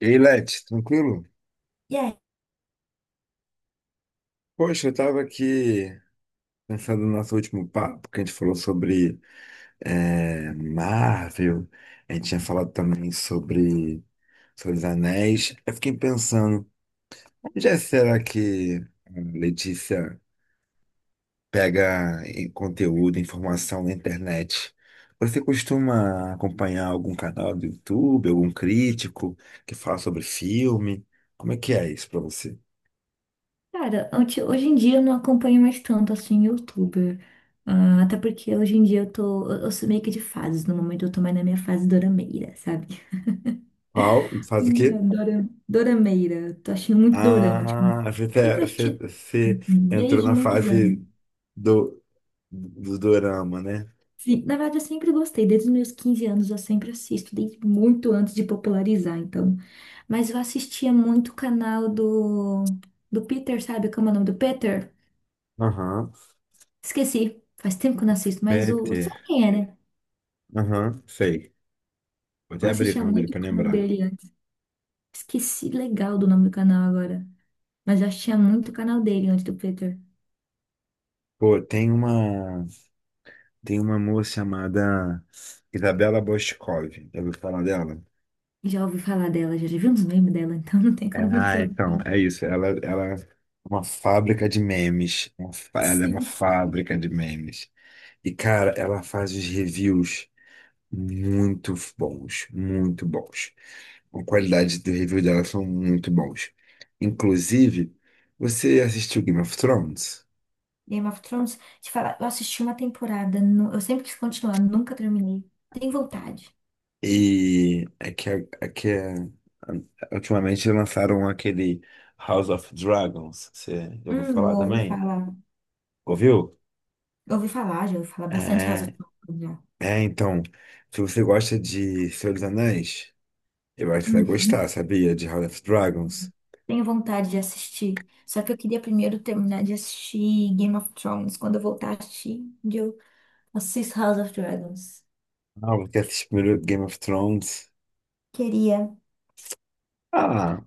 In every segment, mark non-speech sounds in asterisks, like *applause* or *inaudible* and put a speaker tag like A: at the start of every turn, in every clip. A: Ei, Leti, tranquilo?
B: E aí,
A: Poxa, eu tava aqui pensando no nosso último papo, que a gente falou sobre Marvel. A gente tinha falado também sobre os Anéis. Eu fiquei pensando, onde será que a Letícia conteúdo, informação na internet? Você costuma acompanhar algum canal do YouTube, algum crítico que fala sobre filme? Como é que é isso pra você?
B: cara, hoje em dia eu não acompanho mais tanto assim youtuber. Ah, até porque hoje em dia eu tô. Eu sou meio que de fases. No momento eu tô mais na minha fase dorameira, sabe?
A: Qual? Faz o quê?
B: Dorameira. Tô achando muito dorama, tipo.
A: Ah,
B: Sempre assisti
A: você entrou
B: desde
A: na
B: muitos anos.
A: fase do, do dorama, né?
B: Sim, na verdade, eu sempre gostei. Desde os meus 15 anos eu sempre assisto, desde muito antes de popularizar, então. Mas eu assistia muito do Peter, sabe? Como é o nome do Peter?
A: Aham.
B: Esqueci. Faz tempo que eu não assisto, mas o
A: Peter.
B: sabe quem é, né?
A: Aham, sei. Vou
B: Eu
A: até abrir o
B: assistia
A: canal dele
B: muito o
A: pra
B: canal
A: lembrar.
B: dele antes. Esqueci legal do nome do canal agora. Mas eu assistia muito o canal dele antes do Peter.
A: Pô, tem uma moça chamada Isabela Boscov. Já ouviu falar dela?
B: Já ouvi falar dela, já vi uns memes dela, *laughs* então não tem
A: É.
B: como não ter
A: Ah,
B: ouvido.
A: então, é isso. Ela é uma fábrica de memes. Ela é uma
B: Sim.
A: fábrica de memes. E, cara, ela faz os reviews muito bons, muito bons. A qualidade do review dela são muito bons. Inclusive, você assistiu Game of Thrones?
B: Game of Thrones, te falar, eu assisti uma temporada, eu sempre quis continuar, nunca terminei. Tem vontade.
A: E é que ultimamente lançaram aquele House of Dragons. Você já ouviu
B: Eu
A: falar
B: ouvi
A: também?
B: falar.
A: Ouviu?
B: Eu ouvi falar, já ouvi falar bastante House of
A: É,
B: Thrones já.
A: é, então, se você gosta de Senhor dos Anéis, eu acho que você vai gostar,
B: Uhum.
A: sabia? De House of Dragons.
B: Tenho vontade de assistir. Só que eu queria primeiro terminar de assistir Game of Thrones. Quando eu voltar a assistir, eu assisto House of Dragons.
A: Ah, você assistiu primeiro Game of Thrones.
B: Queria.
A: Ah,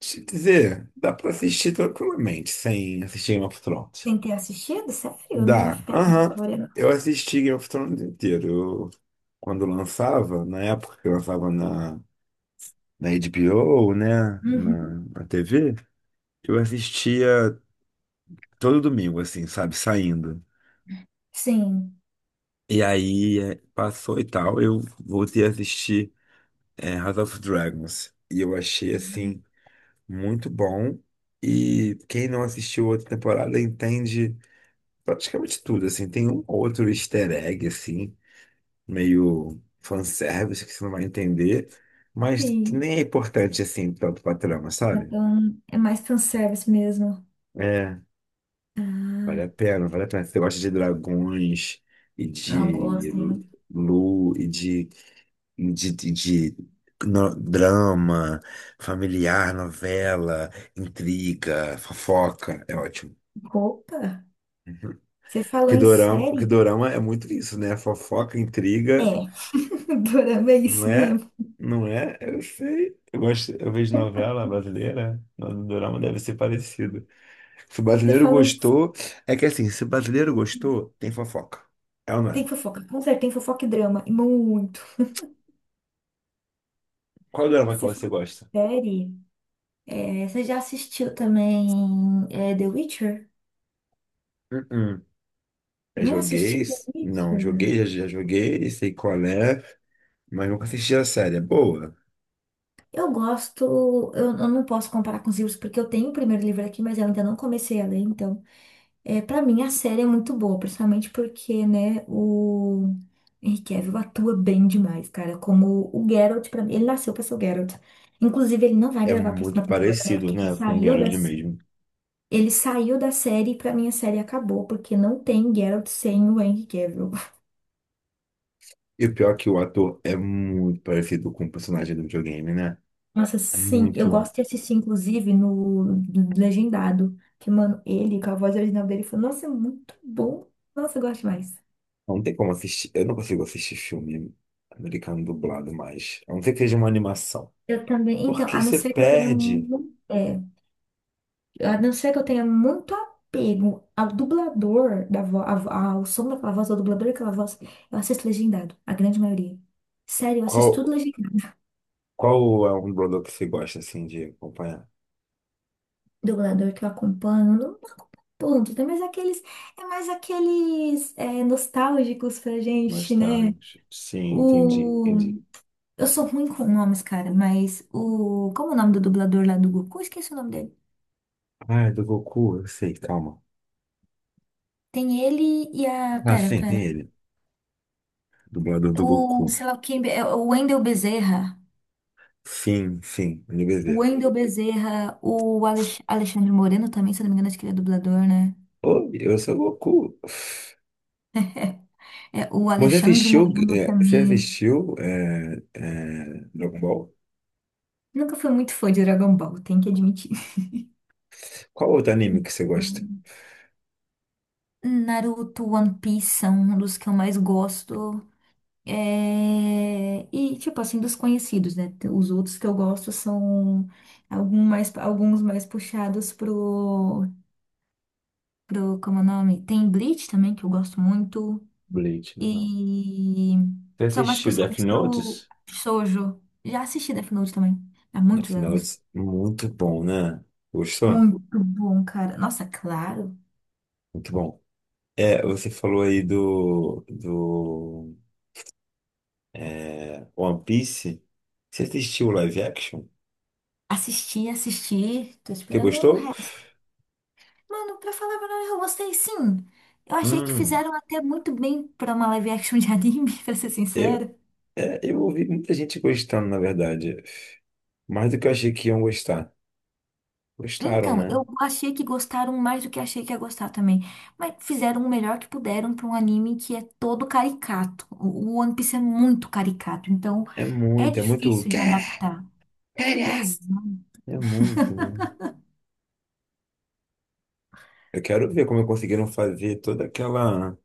A: deixa eu te dizer, dá pra assistir tranquilamente sem assistir Game of Thrones.
B: Tem ter assistido? Sério? Não
A: Dá.
B: afeta a minha
A: Aham.
B: história,
A: Eu
B: não.
A: assisti Game of Thrones inteiro. Eu, quando lançava, na época que lançava na HBO, né?
B: Uhum.
A: Na TV, eu assistia todo domingo, assim, sabe? Saindo.
B: Sim.
A: E aí passou e tal, eu voltei a assistir House of Dragons. E eu achei, assim, muito bom. E quem não assistiu outra temporada entende praticamente tudo, assim. Tem um ou outro easter egg, assim, meio fanservice que você não vai entender, mas que
B: Tem.
A: nem é importante assim tanto pra trama, sabe?
B: Então, é mais fanservice mesmo.
A: É, vale a
B: Ah,
A: pena, vale a pena. Se você gosta de dragões e
B: não
A: de
B: gosto, hein?
A: lu e de no- drama familiar, novela, intriga, fofoca, é ótimo.
B: Opa! Você falou em
A: Que
B: série?
A: dorama é muito isso, né? Fofoca,
B: É.
A: intriga.
B: *laughs* Dorama é
A: Não
B: isso
A: é?
B: mesmo.
A: Não é? Eu sei. Eu gosto, eu vejo novela brasileira, no dorama deve ser parecido. Se o
B: Você
A: brasileiro
B: falou em...
A: gostou, é que assim, Se o brasileiro gostou, tem fofoca. É ou não é?
B: Tem fofoca. Com certeza tem fofoca e drama. E muito.
A: Qual dorama que
B: Você
A: você
B: falou
A: gosta?
B: em série? Você já assistiu também The Witcher?
A: Uh-uh. Já
B: Não assistiu The Witcher?
A: já joguei, sei qual é, mas nunca assisti a série. É boa.
B: Eu gosto, eu não posso comparar com os livros porque eu tenho o primeiro livro aqui, mas eu ainda não comecei a ler, então. É, para mim a série é muito boa, principalmente porque, né, o Henry Cavill atua bem demais, cara, como o Geralt para mim, ele nasceu para ser o Geralt. Inclusive, ele não vai
A: É
B: gravar a
A: muito
B: próxima temporada, né,
A: parecido,
B: porque
A: né, com o Geralt mesmo.
B: ele saiu da série e pra mim a série acabou, porque não tem Geralt sem o Henry Cavill.
A: E o pior é que o ator é muito parecido com o personagem do videogame, né?
B: Nossa,
A: É
B: sim, eu
A: muito.
B: gosto de assistir, inclusive, no do legendado. Que, mano, ele, com a voz original dele, falou, nossa, é muito bom. Nossa, eu gosto demais.
A: Não tem como assistir. Eu não consigo assistir filme americano dublado mais. A não ser que seja uma animação.
B: Eu também, então,
A: Porque você perde.
B: a não ser que eu tenha muito apego ao dublador, da vo, a vo- ao som daquela voz, ao dublador daquela voz, eu assisto legendado, a grande maioria. Sério, eu
A: Qual,
B: assisto tudo legendado. *laughs*
A: qual é um dublador que você gosta, assim, de acompanhar?
B: Dublador que eu acompanho, eu não ponto, né? É mais aqueles nostálgicos pra gente, né?
A: Nostálgico. Sim, entendi,
B: O...
A: entendi.
B: Eu sou ruim com nomes, cara, mas o... Como é o nome do dublador lá do Goku? Esqueci o nome dele.
A: Ah, é do Goku, eu sei, calma.
B: Tem ele e a...
A: Ah,
B: Pera,
A: sim,
B: pera.
A: tem ele. Dublador do
B: O,
A: Goku.
B: sei lá, quem... é o Wendel Bezerra.
A: Sim, sim,
B: O
A: NBZ.
B: Wendel Bezerra, o Alex... Alexandre Moreno também, se eu não me engano, acho que ele é dublador, né?
A: Oi, eu sou o Goku.
B: É, o
A: Você
B: Alexandre Moreno
A: você
B: também.
A: assistiu Dragon Ball?
B: Nunca fui muito fã de Dragon Ball, tenho que admitir.
A: Qual outro anime que você gosta?
B: *laughs* Naruto, One Piece são um dos que eu mais gosto. É, e, tipo assim, dos conhecidos, né? Os outros que eu gosto são alguns mais puxados como é o nome? Tem Bleach também, que eu gosto muito.
A: Bleach, né?
B: E
A: Você
B: são mais
A: assistiu Death
B: puxados pro
A: Notes?
B: Shoujo. Já assisti Death Note também, há muitos
A: Death
B: anos.
A: Notes, muito bom, né? Gostou?
B: Muito bom, cara. Nossa, claro.
A: Muito bom. É, você falou aí do One Piece. Você assistiu o live action?
B: Assisti, assisti. Tô
A: Você
B: esperando o
A: gostou?
B: resto. Mano, pra falar a verdade, eu gostei sim. Eu achei que
A: Hum.
B: fizeram até muito bem pra uma live action de anime, *laughs* pra ser
A: Eu,
B: sincera.
A: eu ouvi muita gente gostando, na verdade. Mais do que eu achei que iam gostar. Gostaram,
B: Então,
A: né?
B: eu achei que gostaram mais do que achei que ia gostar também. Mas fizeram o melhor que puderam pra um anime que é todo caricato. O One Piece é muito caricato, então
A: É
B: é
A: muito, é muito.
B: difícil de
A: Cara,
B: adaptar.
A: cara!
B: Exato.
A: É muito, né? Eu quero ver como conseguiram fazer toda aquela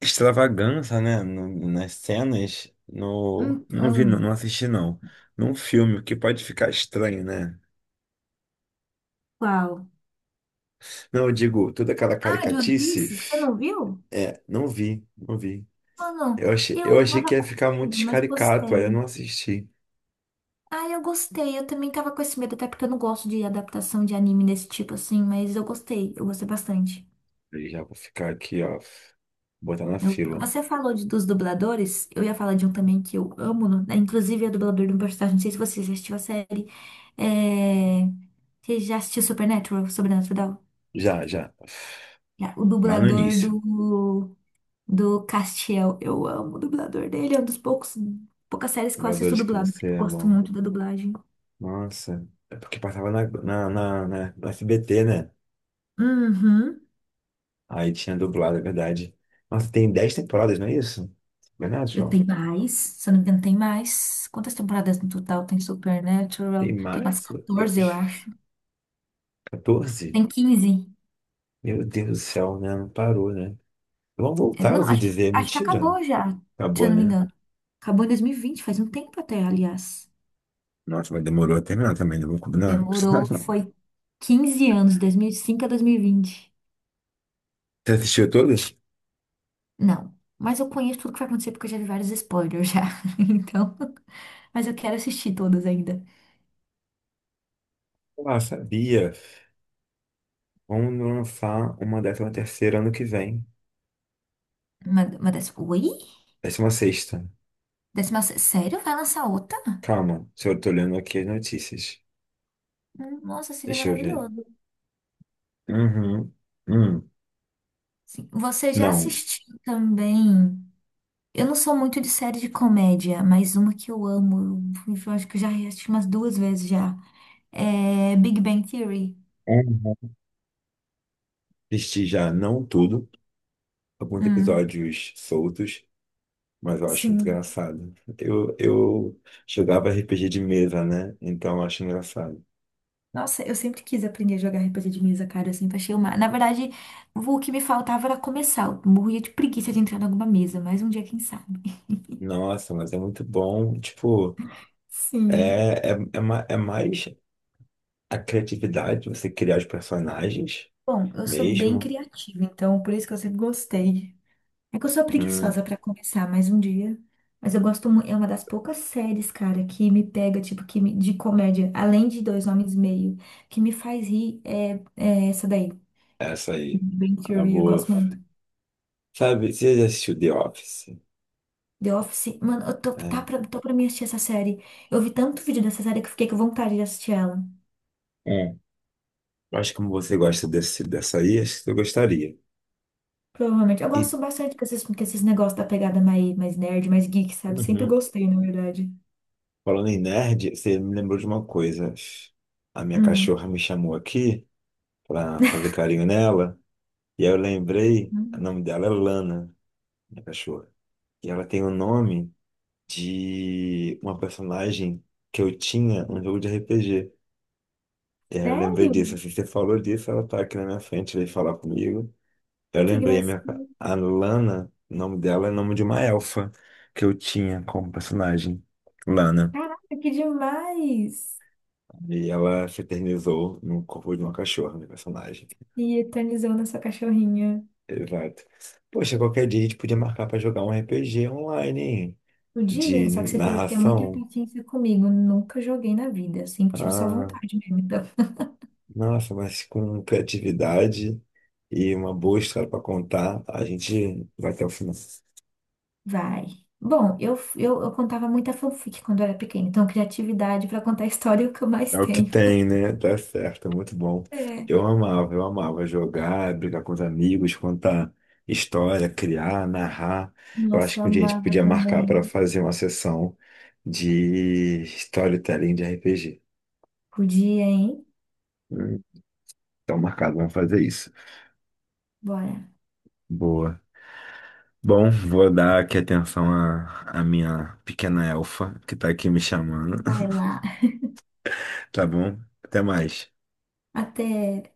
A: extravagância, né, nas cenas, não vi,
B: Então,
A: não assisti, não. Num filme, o que pode ficar estranho, né?
B: qual?
A: Não, eu digo, toda aquela
B: Ah, de One
A: caricatice,
B: Piece? Você não viu?
A: não vi, não vi.
B: Mano, eu
A: Eu achei
B: tava
A: que ia
B: com
A: ficar muito
B: medo, mas
A: escaricato, aí eu
B: gostei.
A: não assisti.
B: Ah, eu gostei. Eu também tava com esse medo, até porque eu não gosto de adaptação de anime desse tipo assim, mas eu gostei bastante.
A: E já vou ficar aqui, ó, botar na fila.
B: Você falou dos dubladores, eu ia falar de um também que eu amo, né? Inclusive é dublador de um personagem, não sei se você já assistiu a série. É... Você já assistiu Supernatural, Sobrenatural?
A: Já, já.
B: Já, o
A: Lá no
B: dublador
A: início.
B: do, do Castiel. Eu amo o dublador dele, é um dos poucos, poucas séries que eu assisto
A: Dubladores que
B: dublado, porque
A: você
B: eu gosto
A: ama.
B: muito da dublagem.
A: Nossa, é porque passava na SBT, né?
B: Uhum.
A: Aí tinha dublado, é verdade. Nossa, tem 10 temporadas, não é isso? Verdade,
B: Eu
A: João?
B: tenho mais, se eu não me engano, tem mais. Quantas temporadas no total tem
A: Tem
B: Supernatural? Tem umas
A: mais? Meu
B: 14, eu
A: Deus.
B: acho.
A: 14?
B: Tem 15.
A: Meu Deus do céu, né? Não parou, né? Vamos voltar, eu
B: Não,
A: ouvi dizer.
B: acho que
A: Mentira.
B: acabou já, se
A: Acabou,
B: eu não me
A: né?
B: engano. Acabou em 2020, faz um tempo até, aliás.
A: Nossa, mas demorou a terminar também, não vou combinar.
B: Demorou,
A: *laughs*
B: foi 15 anos, 2005 a 2020.
A: Você assistiu todas?
B: Não, mas eu conheço tudo que vai acontecer porque eu já vi vários spoilers já. *laughs* Então, mas eu quero assistir todas ainda.
A: Ah, sabia. Vamos lançar uma décima terceira ano que vem.
B: Uma dessa... Oi?
A: Décima sexta.
B: Décima... Sério? Vai lançar outra?
A: Calma, se eu tô olhando aqui as notícias.
B: Nossa, seria
A: Deixa eu ver.
B: maravilhoso.
A: Uhum. Hum.
B: Sim. Você já
A: Não.
B: assistiu também? Eu não sou muito de série de comédia, mas uma que eu amo, eu acho que eu já assisti umas duas vezes já. É Big Bang Theory.
A: Uhum. Assisti já, não tudo, alguns
B: Hum,
A: episódios soltos, mas eu acho muito
B: sim.
A: engraçado. Eu jogava RPG de mesa, né? Então eu acho engraçado.
B: Nossa, eu sempre quis aprender a jogar RPG de mesa, cara. Eu sempre achei uma. Na verdade, o que me faltava era começar. Eu morria de preguiça de entrar em alguma mesa, mas um dia, quem sabe?
A: Nossa, mas é muito bom. Tipo,
B: *laughs* Sim.
A: é mais a criatividade, você criar os personagens
B: Bom, eu sou bem
A: mesmo.
B: criativa, então por isso que eu sempre gostei. É que eu sou
A: Hum,
B: preguiçosa pra começar mais um dia. Mas eu gosto muito. É uma das poucas séries, cara, que me pega, tipo, de comédia, além de Dois Homens e Meio, que me faz rir, é essa daí.
A: essa aí.
B: Big Bang
A: A
B: Theory, eu
A: boa.
B: gosto muito.
A: Sabe, você já assistiu The Office?
B: The Office, mano, eu tô, tá
A: Né?
B: pra, tô pra mim assistir essa série. Eu vi tanto vídeo dessa série que eu fiquei com vontade de assistir ela.
A: Hum. Eu acho que como você gosta dessa aí, acho que você gostaria.
B: Provavelmente. Eu
A: E,
B: gosto bastante com esses negócios da pegada mais, mais nerd, mais geek, sabe? Sempre
A: uhum.
B: gostei, na verdade.
A: Falando em nerd, você me lembrou de uma coisa. A minha
B: Hum.
A: cachorra me chamou aqui pra fazer carinho nela, e aí eu lembrei, o
B: Hum.
A: nome dela é Lana, minha cachorra. E ela tem o nome de uma personagem que eu tinha num jogo de RPG. E aí eu lembrei
B: Sério?
A: disso, assim, você falou disso, ela tá aqui na minha frente, veio falar comigo.
B: Ai,
A: Eu
B: que
A: lembrei,
B: gracinha.
A: a Lana, o nome dela é o nome de uma elfa que eu tinha como personagem, Lana.
B: Caraca, que demais!
A: E ela se eternizou no corpo de uma cachorra, minha personagem.
B: E eternizando essa cachorrinha.
A: Exato. Poxa, qualquer dia a gente podia marcar pra jogar um RPG online, hein?
B: Podia,
A: De
B: só que você teria que ter muita
A: narração.
B: paciência comigo. Nunca joguei na vida. Sempre tive só
A: Ah,
B: vontade mesmo. Então, *laughs*
A: nossa, mas com criatividade e uma boa história pra contar, a gente vai até o final.
B: vai. Bom, eu contava muita fanfic quando eu era pequena. Então, criatividade pra contar história é o que eu mais
A: É o que
B: tenho.
A: tem, né? Tá certo, é muito bom.
B: É.
A: Eu amava jogar, brigar com os amigos, contar história, criar, narrar. Eu acho
B: Nossa, eu
A: que um dia a gente
B: amava
A: podia marcar para
B: também.
A: fazer uma sessão de storytelling de RPG.
B: Podia, hein?
A: Hum, Então, marcado, vamos fazer isso.
B: Bora.
A: Boa. Bom, vou dar aqui atenção à minha pequena elfa, que tá aqui me chamando.
B: Vai
A: *laughs*
B: lá.
A: Tá bom? Até mais.
B: Até.